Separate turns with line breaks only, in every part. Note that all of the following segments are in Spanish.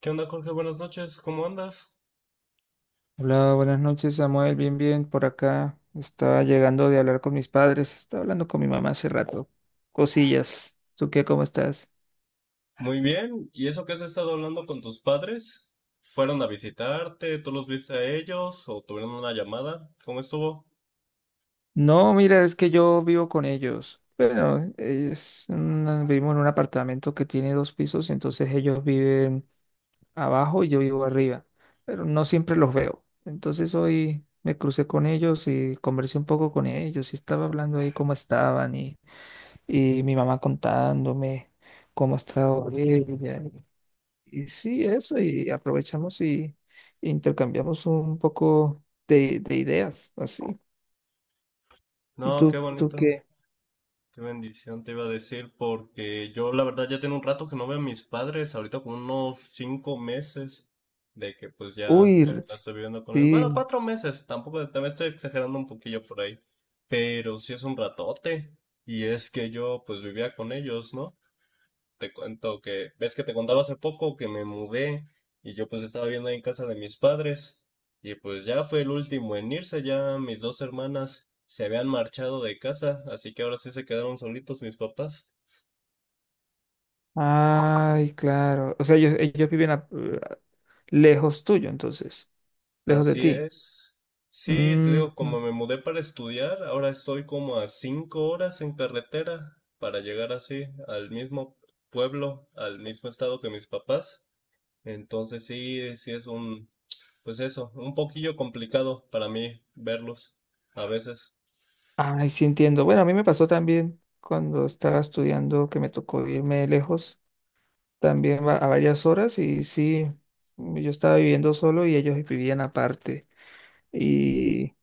¿Qué onda, Jorge? Buenas noches, ¿cómo andas?
Hola, buenas noches, Samuel. Bien, bien, por acá. Estaba llegando de hablar con mis padres. Estaba hablando con mi mamá hace rato. Cosillas. ¿Tú qué? ¿Cómo estás?
Muy bien, ¿y eso que has estado hablando con tus padres? ¿Fueron a visitarte? ¿Tú los viste a ellos? ¿O tuvieron una llamada? ¿Cómo estuvo?
No, mira, es que yo vivo con ellos. Bueno, vivimos en un apartamento que tiene dos pisos, entonces ellos viven abajo y yo vivo arriba. Pero no siempre los veo. Entonces hoy me crucé con ellos y conversé un poco con ellos y estaba hablando ahí cómo estaban y mi mamá contándome cómo estaba ella. Y sí, eso, y aprovechamos y intercambiamos un poco de ideas, así. ¿Y
No, qué
tú
bonito,
qué?
qué bendición te iba a decir, porque yo la verdad ya tengo un rato que no veo a mis padres, ahorita como unos 5 meses de que pues ya
Uy, r-
la estoy viviendo con ellos. Bueno,
sí.
4 meses, tampoco, también estoy exagerando un poquillo por ahí, pero sí es un ratote, y es que yo pues vivía con ellos, ¿no? Te cuento que, ves que te contaba hace poco que me mudé y yo pues estaba viendo ahí en casa de mis padres y pues ya fue el último en irse, ya mis dos hermanas se habían marchado de casa, así que ahora sí se quedaron solitos mis papás.
Ay, claro. O sea, ellos lejos tuyo, entonces, lejos de
Así
ti.
es. Sí, te
Mm,
digo, como
mm.
me mudé para estudiar, ahora estoy como a 5 horas en carretera para llegar así al mismo pueblo, al mismo estado que mis papás. Entonces sí, sí es un, pues eso, un poquillo complicado para mí verlos a veces.
Ay, sí entiendo. Bueno, a mí me pasó también cuando estaba estudiando que me tocó irme lejos también a varias horas y sí, yo estaba viviendo solo y ellos vivían aparte. Y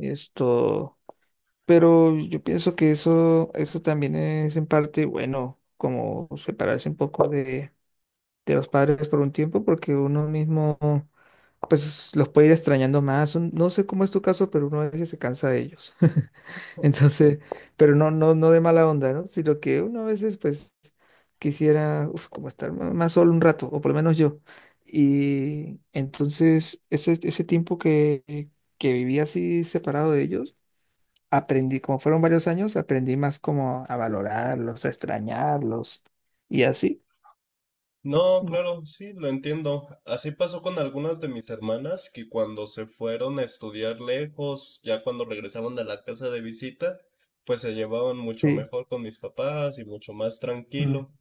esto, pero yo pienso que eso también es en parte, bueno, como separarse un poco de los padres por un tiempo porque uno mismo pues los puede ir extrañando más. No sé cómo es tu caso, pero uno a veces se cansa de ellos. Entonces, pero no de mala onda, ¿no? Sino que uno a veces pues quisiera uf, como estar más solo un rato, o por lo menos yo. Y entonces ese tiempo que viví así separado de ellos, aprendí, como fueron varios años, aprendí más como a valorarlos, a extrañarlos y así.
No,
Mm.
claro, sí, lo entiendo. Así pasó con algunas de mis hermanas que cuando se fueron a estudiar lejos, ya cuando regresaban de la casa de visita, pues se llevaban mucho
Sí.
mejor con mis papás y mucho más tranquilo.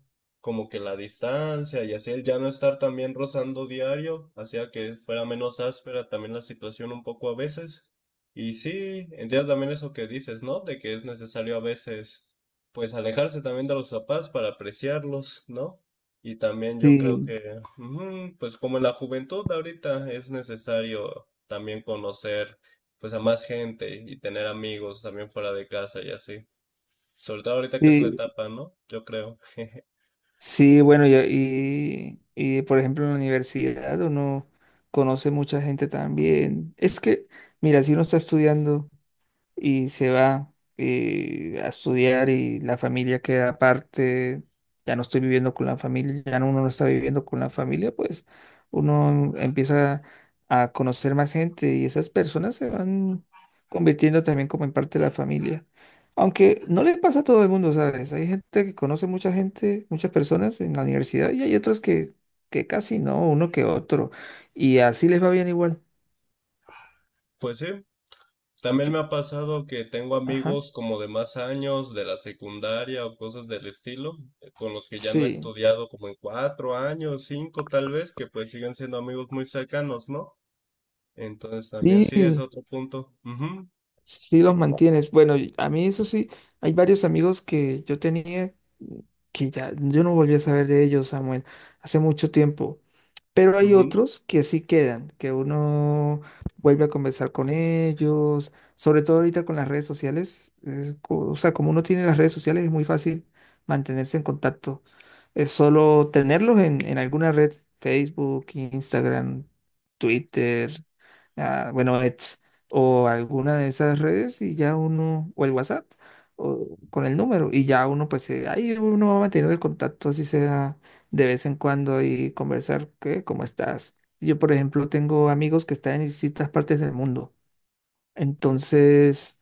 Como que la distancia y así el ya no estar también rozando diario hacía que fuera menos áspera también la situación un poco a veces. Y sí, entiendo también eso que dices, ¿no? De que es necesario a veces, pues alejarse también de los papás para apreciarlos, ¿no? Y también yo creo
Sí,
que, ujú, pues como en la juventud de ahorita es necesario también conocer pues a más gente y tener amigos también fuera de casa y así. Sobre todo ahorita que es la
sí,
etapa, ¿no? Yo creo.
sí, bueno, y, por ejemplo, en la universidad uno conoce mucha gente también. Es que, mira, si uno está estudiando y se va a estudiar y la familia queda aparte, ya no estoy viviendo con la familia, uno no está viviendo con la familia, pues uno empieza a conocer más gente y esas personas se van convirtiendo también como en parte de la familia. Aunque no le pasa a todo el mundo, ¿sabes? Hay gente que conoce mucha gente, muchas personas en la universidad y hay otros que casi no, uno que otro. Y así les va bien igual.
Pues sí, también me
Yo-
ha pasado que tengo
Ajá.
amigos como de más años, de la secundaria o cosas del estilo, con los que ya no he
Sí.
estudiado como en 4 años, 5 tal vez, que pues siguen siendo amigos muy cercanos, ¿no? Entonces también sí es
Sí.
otro punto. Ujú,
Sí los mantienes. Bueno, y a mí eso sí, hay varios amigos que yo tenía que ya yo no volví a saber de ellos, Samuel, hace mucho tiempo. Pero hay
ujú.
otros que sí quedan, que uno vuelve a conversar con ellos, sobre todo ahorita con las redes sociales. O sea, como uno tiene las redes sociales, es muy fácil mantenerse en contacto. Es solo tenerlos en alguna red, Facebook, Instagram, Twitter, ah, bueno, X, o alguna de esas redes y ya uno, o el WhatsApp, o con el número, y ya uno, pues ahí uno va manteniendo el contacto, así sea de vez en cuando y conversar, ¿qué? ¿Cómo estás? Yo, por ejemplo, tengo amigos que están en distintas partes del mundo. Entonces,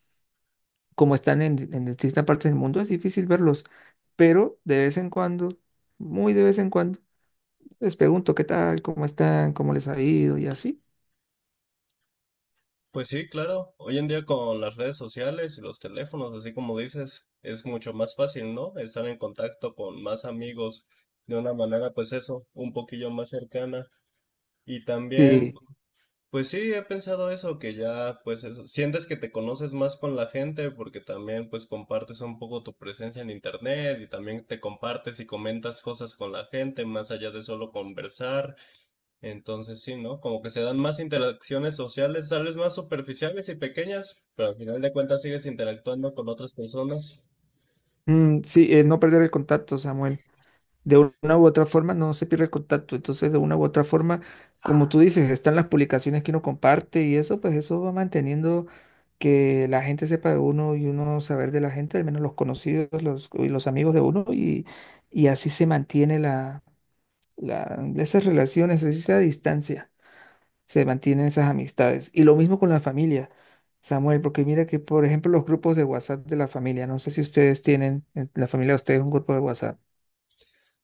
como están en distintas partes del mundo, es difícil verlos. Pero de vez en cuando, muy de vez en cuando, les pregunto qué tal, cómo están, cómo les ha ido y así.
Pues sí, claro. Hoy en día con las redes sociales y los teléfonos, así como dices, es mucho más fácil, ¿no? Estar en contacto con más amigos de una manera, pues eso, un poquillo más cercana. Y también,
Sí,
pues sí, he pensado eso, que ya, pues eso, sientes que te conoces más con la gente porque también, pues compartes un poco tu presencia en internet y también te compartes y comentas cosas con la gente más allá de solo conversar. Entonces sí, ¿no? Como que se dan más interacciones sociales, tal vez más superficiales y pequeñas, pero al final de cuentas sigues interactuando con otras personas.
mm, sí, no perder el contacto, Samuel. De una u otra forma no se pierde el contacto. Entonces, de una u otra forma, como tú dices, están las publicaciones que uno comparte y eso, pues eso va manteniendo que la gente sepa de uno y uno saber de la gente, al menos los conocidos los, y los amigos de uno, y así se mantiene esas relaciones, esa distancia, se mantienen esas amistades. Y lo mismo con la familia. Samuel, porque mira que, por ejemplo, los grupos de WhatsApp de la familia, no sé si ustedes tienen, en la familia de ustedes, un grupo de WhatsApp.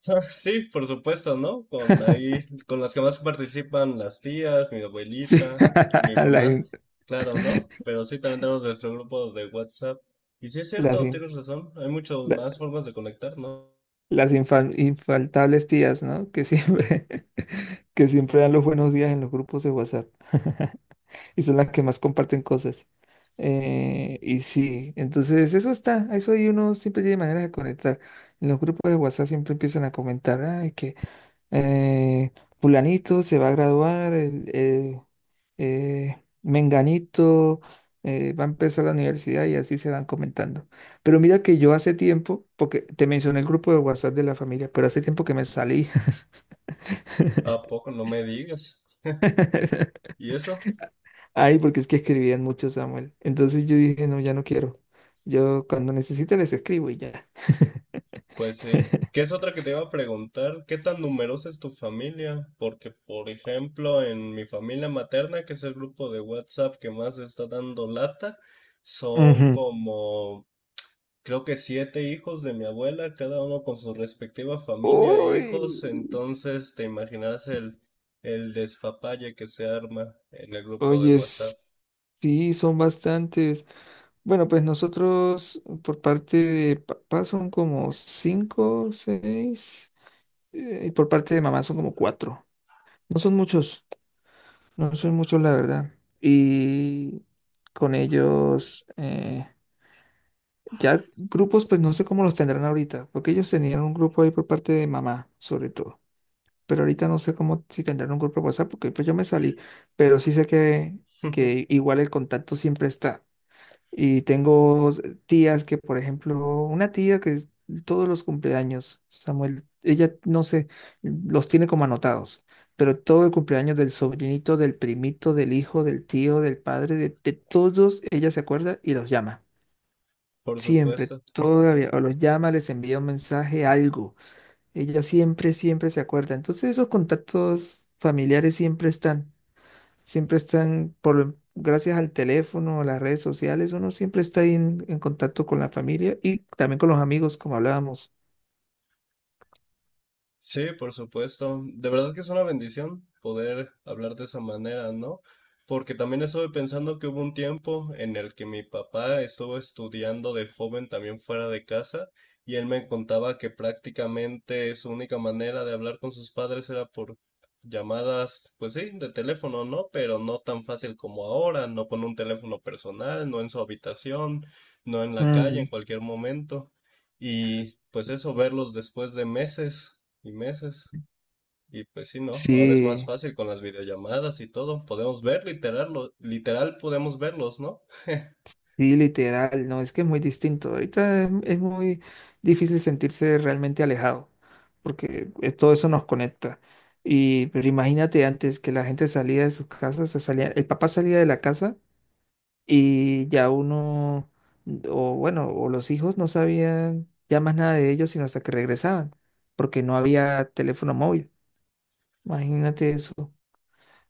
Ah, sí, por supuesto, ¿no? Con ahí, con las que más participan las tías, mi
Sí,
abuelita, mi
la,
mamá, claro, ¿no? Pero sí, también tenemos nuestro grupo de WhatsApp. Y sí es
Las,
cierto,
in-
tienes razón, hay muchas
la-
más formas de conectarnos.
las infaltables tías, ¿no? Que siempre, que siempre dan los buenos días en los grupos de WhatsApp. Y son las que más comparten cosas. Y sí, entonces eso está, eso ahí uno siempre tiene maneras de conectar. En los grupos de WhatsApp siempre empiezan a comentar, ay, que, eh, fulanito se va a graduar, menganito va a empezar la universidad y así se van comentando. Pero mira que yo hace tiempo, porque te mencioné el grupo de WhatsApp de la familia, pero hace tiempo que me salí.
¿A poco? No me digas. ¿Y eso?
Ay, porque es que escribían mucho, Samuel. Entonces yo dije, no, ya no quiero. Yo cuando necesite les escribo y ya.
Pues sí. ¿Qué es otra que te iba a preguntar? ¿Qué tan numerosa es tu familia? Porque, por ejemplo, en mi familia materna, que es el grupo de WhatsApp que más está dando lata, son
Ujú.
como, creo que 7 hijos de mi abuela, cada uno con su respectiva familia e
Uy,
hijos. Entonces, te imaginarás el despapalle que se arma en el grupo de
oye,
WhatsApp.
sí, son bastantes. Bueno, pues nosotros por parte de papá son como cinco, seis, y por parte de mamá son como cuatro. No son muchos, no son muchos, la verdad. Y con ellos, ya grupos, pues no sé cómo los tendrán ahorita, porque ellos tenían un grupo ahí por parte de mamá, sobre todo. Pero ahorita no sé cómo si tendrán un grupo de WhatsApp, porque pues yo me salí, pero sí sé que igual el contacto siempre está. Y tengo tías que, por ejemplo, una tía todos los cumpleaños, Samuel, ella no sé, los tiene como anotados, pero todo el cumpleaños del sobrinito, del primito, del hijo, del tío, del padre, de todos, ella se acuerda y los llama.
Por
Siempre,
supuesto.
todavía, o los llama, les envía un mensaje, algo. Siempre se acuerda. Entonces esos contactos familiares siempre están. Siempre están, gracias al teléfono, a las redes sociales, uno siempre está ahí en contacto con la familia y también con los amigos, como hablábamos.
Sí, por supuesto. De verdad que es una bendición poder hablar de esa manera, ¿no? Porque también estuve pensando que hubo un tiempo en el que mi papá estuvo estudiando de joven también fuera de casa y él me contaba que prácticamente su única manera de hablar con sus padres era por llamadas, pues sí, de teléfono, ¿no? Pero no tan fácil como ahora, no con un teléfono personal, no en su habitación, no en la calle, en
Mm,
cualquier momento. Y pues eso, verlos después de meses y meses. Y pues sí, ¿no? Ahora es más
sí,
fácil con las videollamadas y todo. Podemos ver literal, literal podemos verlos, ¿no?
sí, literal, no, es que es muy distinto. Ahorita es muy difícil sentirse realmente alejado, todo eso nos conecta. Y pero imagínate antes que la gente salía de sus casas, o sea, salía, el papá salía de la casa y ya uno, o bueno, o los hijos no sabían ya más nada de ellos sino hasta que regresaban, porque no había teléfono móvil. Imagínate eso.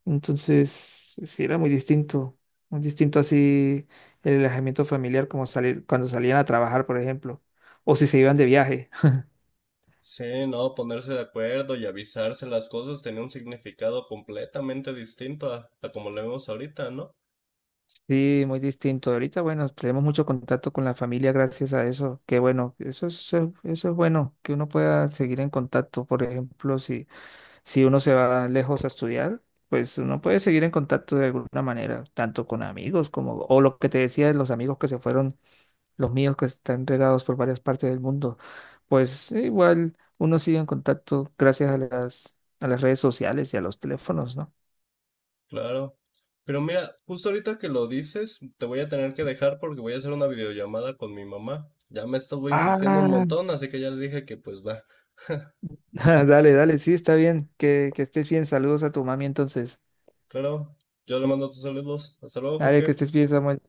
Entonces, sí era muy distinto así el alejamiento familiar como salir cuando salían a trabajar, por ejemplo, o si se iban de viaje.
Sí, no, ponerse de acuerdo y avisarse las cosas tenía un significado completamente distinto a como lo vemos ahorita, ¿no?
Sí, muy distinto. Ahorita, bueno, tenemos mucho contacto con la familia gracias a eso. Qué bueno, eso es bueno, que uno pueda seguir en contacto, por ejemplo, si uno se va lejos a estudiar, pues uno puede seguir en contacto de alguna manera, tanto con amigos como, o lo que te decía de los amigos que se fueron, los míos que están regados por varias partes del mundo, pues igual uno sigue en contacto gracias a a las redes sociales y a los teléfonos, ¿no?
Claro. Pero mira, justo ahorita que lo dices, te voy a tener que dejar porque voy a hacer una videollamada con mi mamá. Ya me estuvo insistiendo un
Ah,
montón, así que ya le dije que pues va.
Dale, sí, está bien, que estés bien, saludos a tu mami entonces.
Claro, yo le mando tus saludos. Hasta luego,
Dale, que
Jorge.
estés bien, Samuel.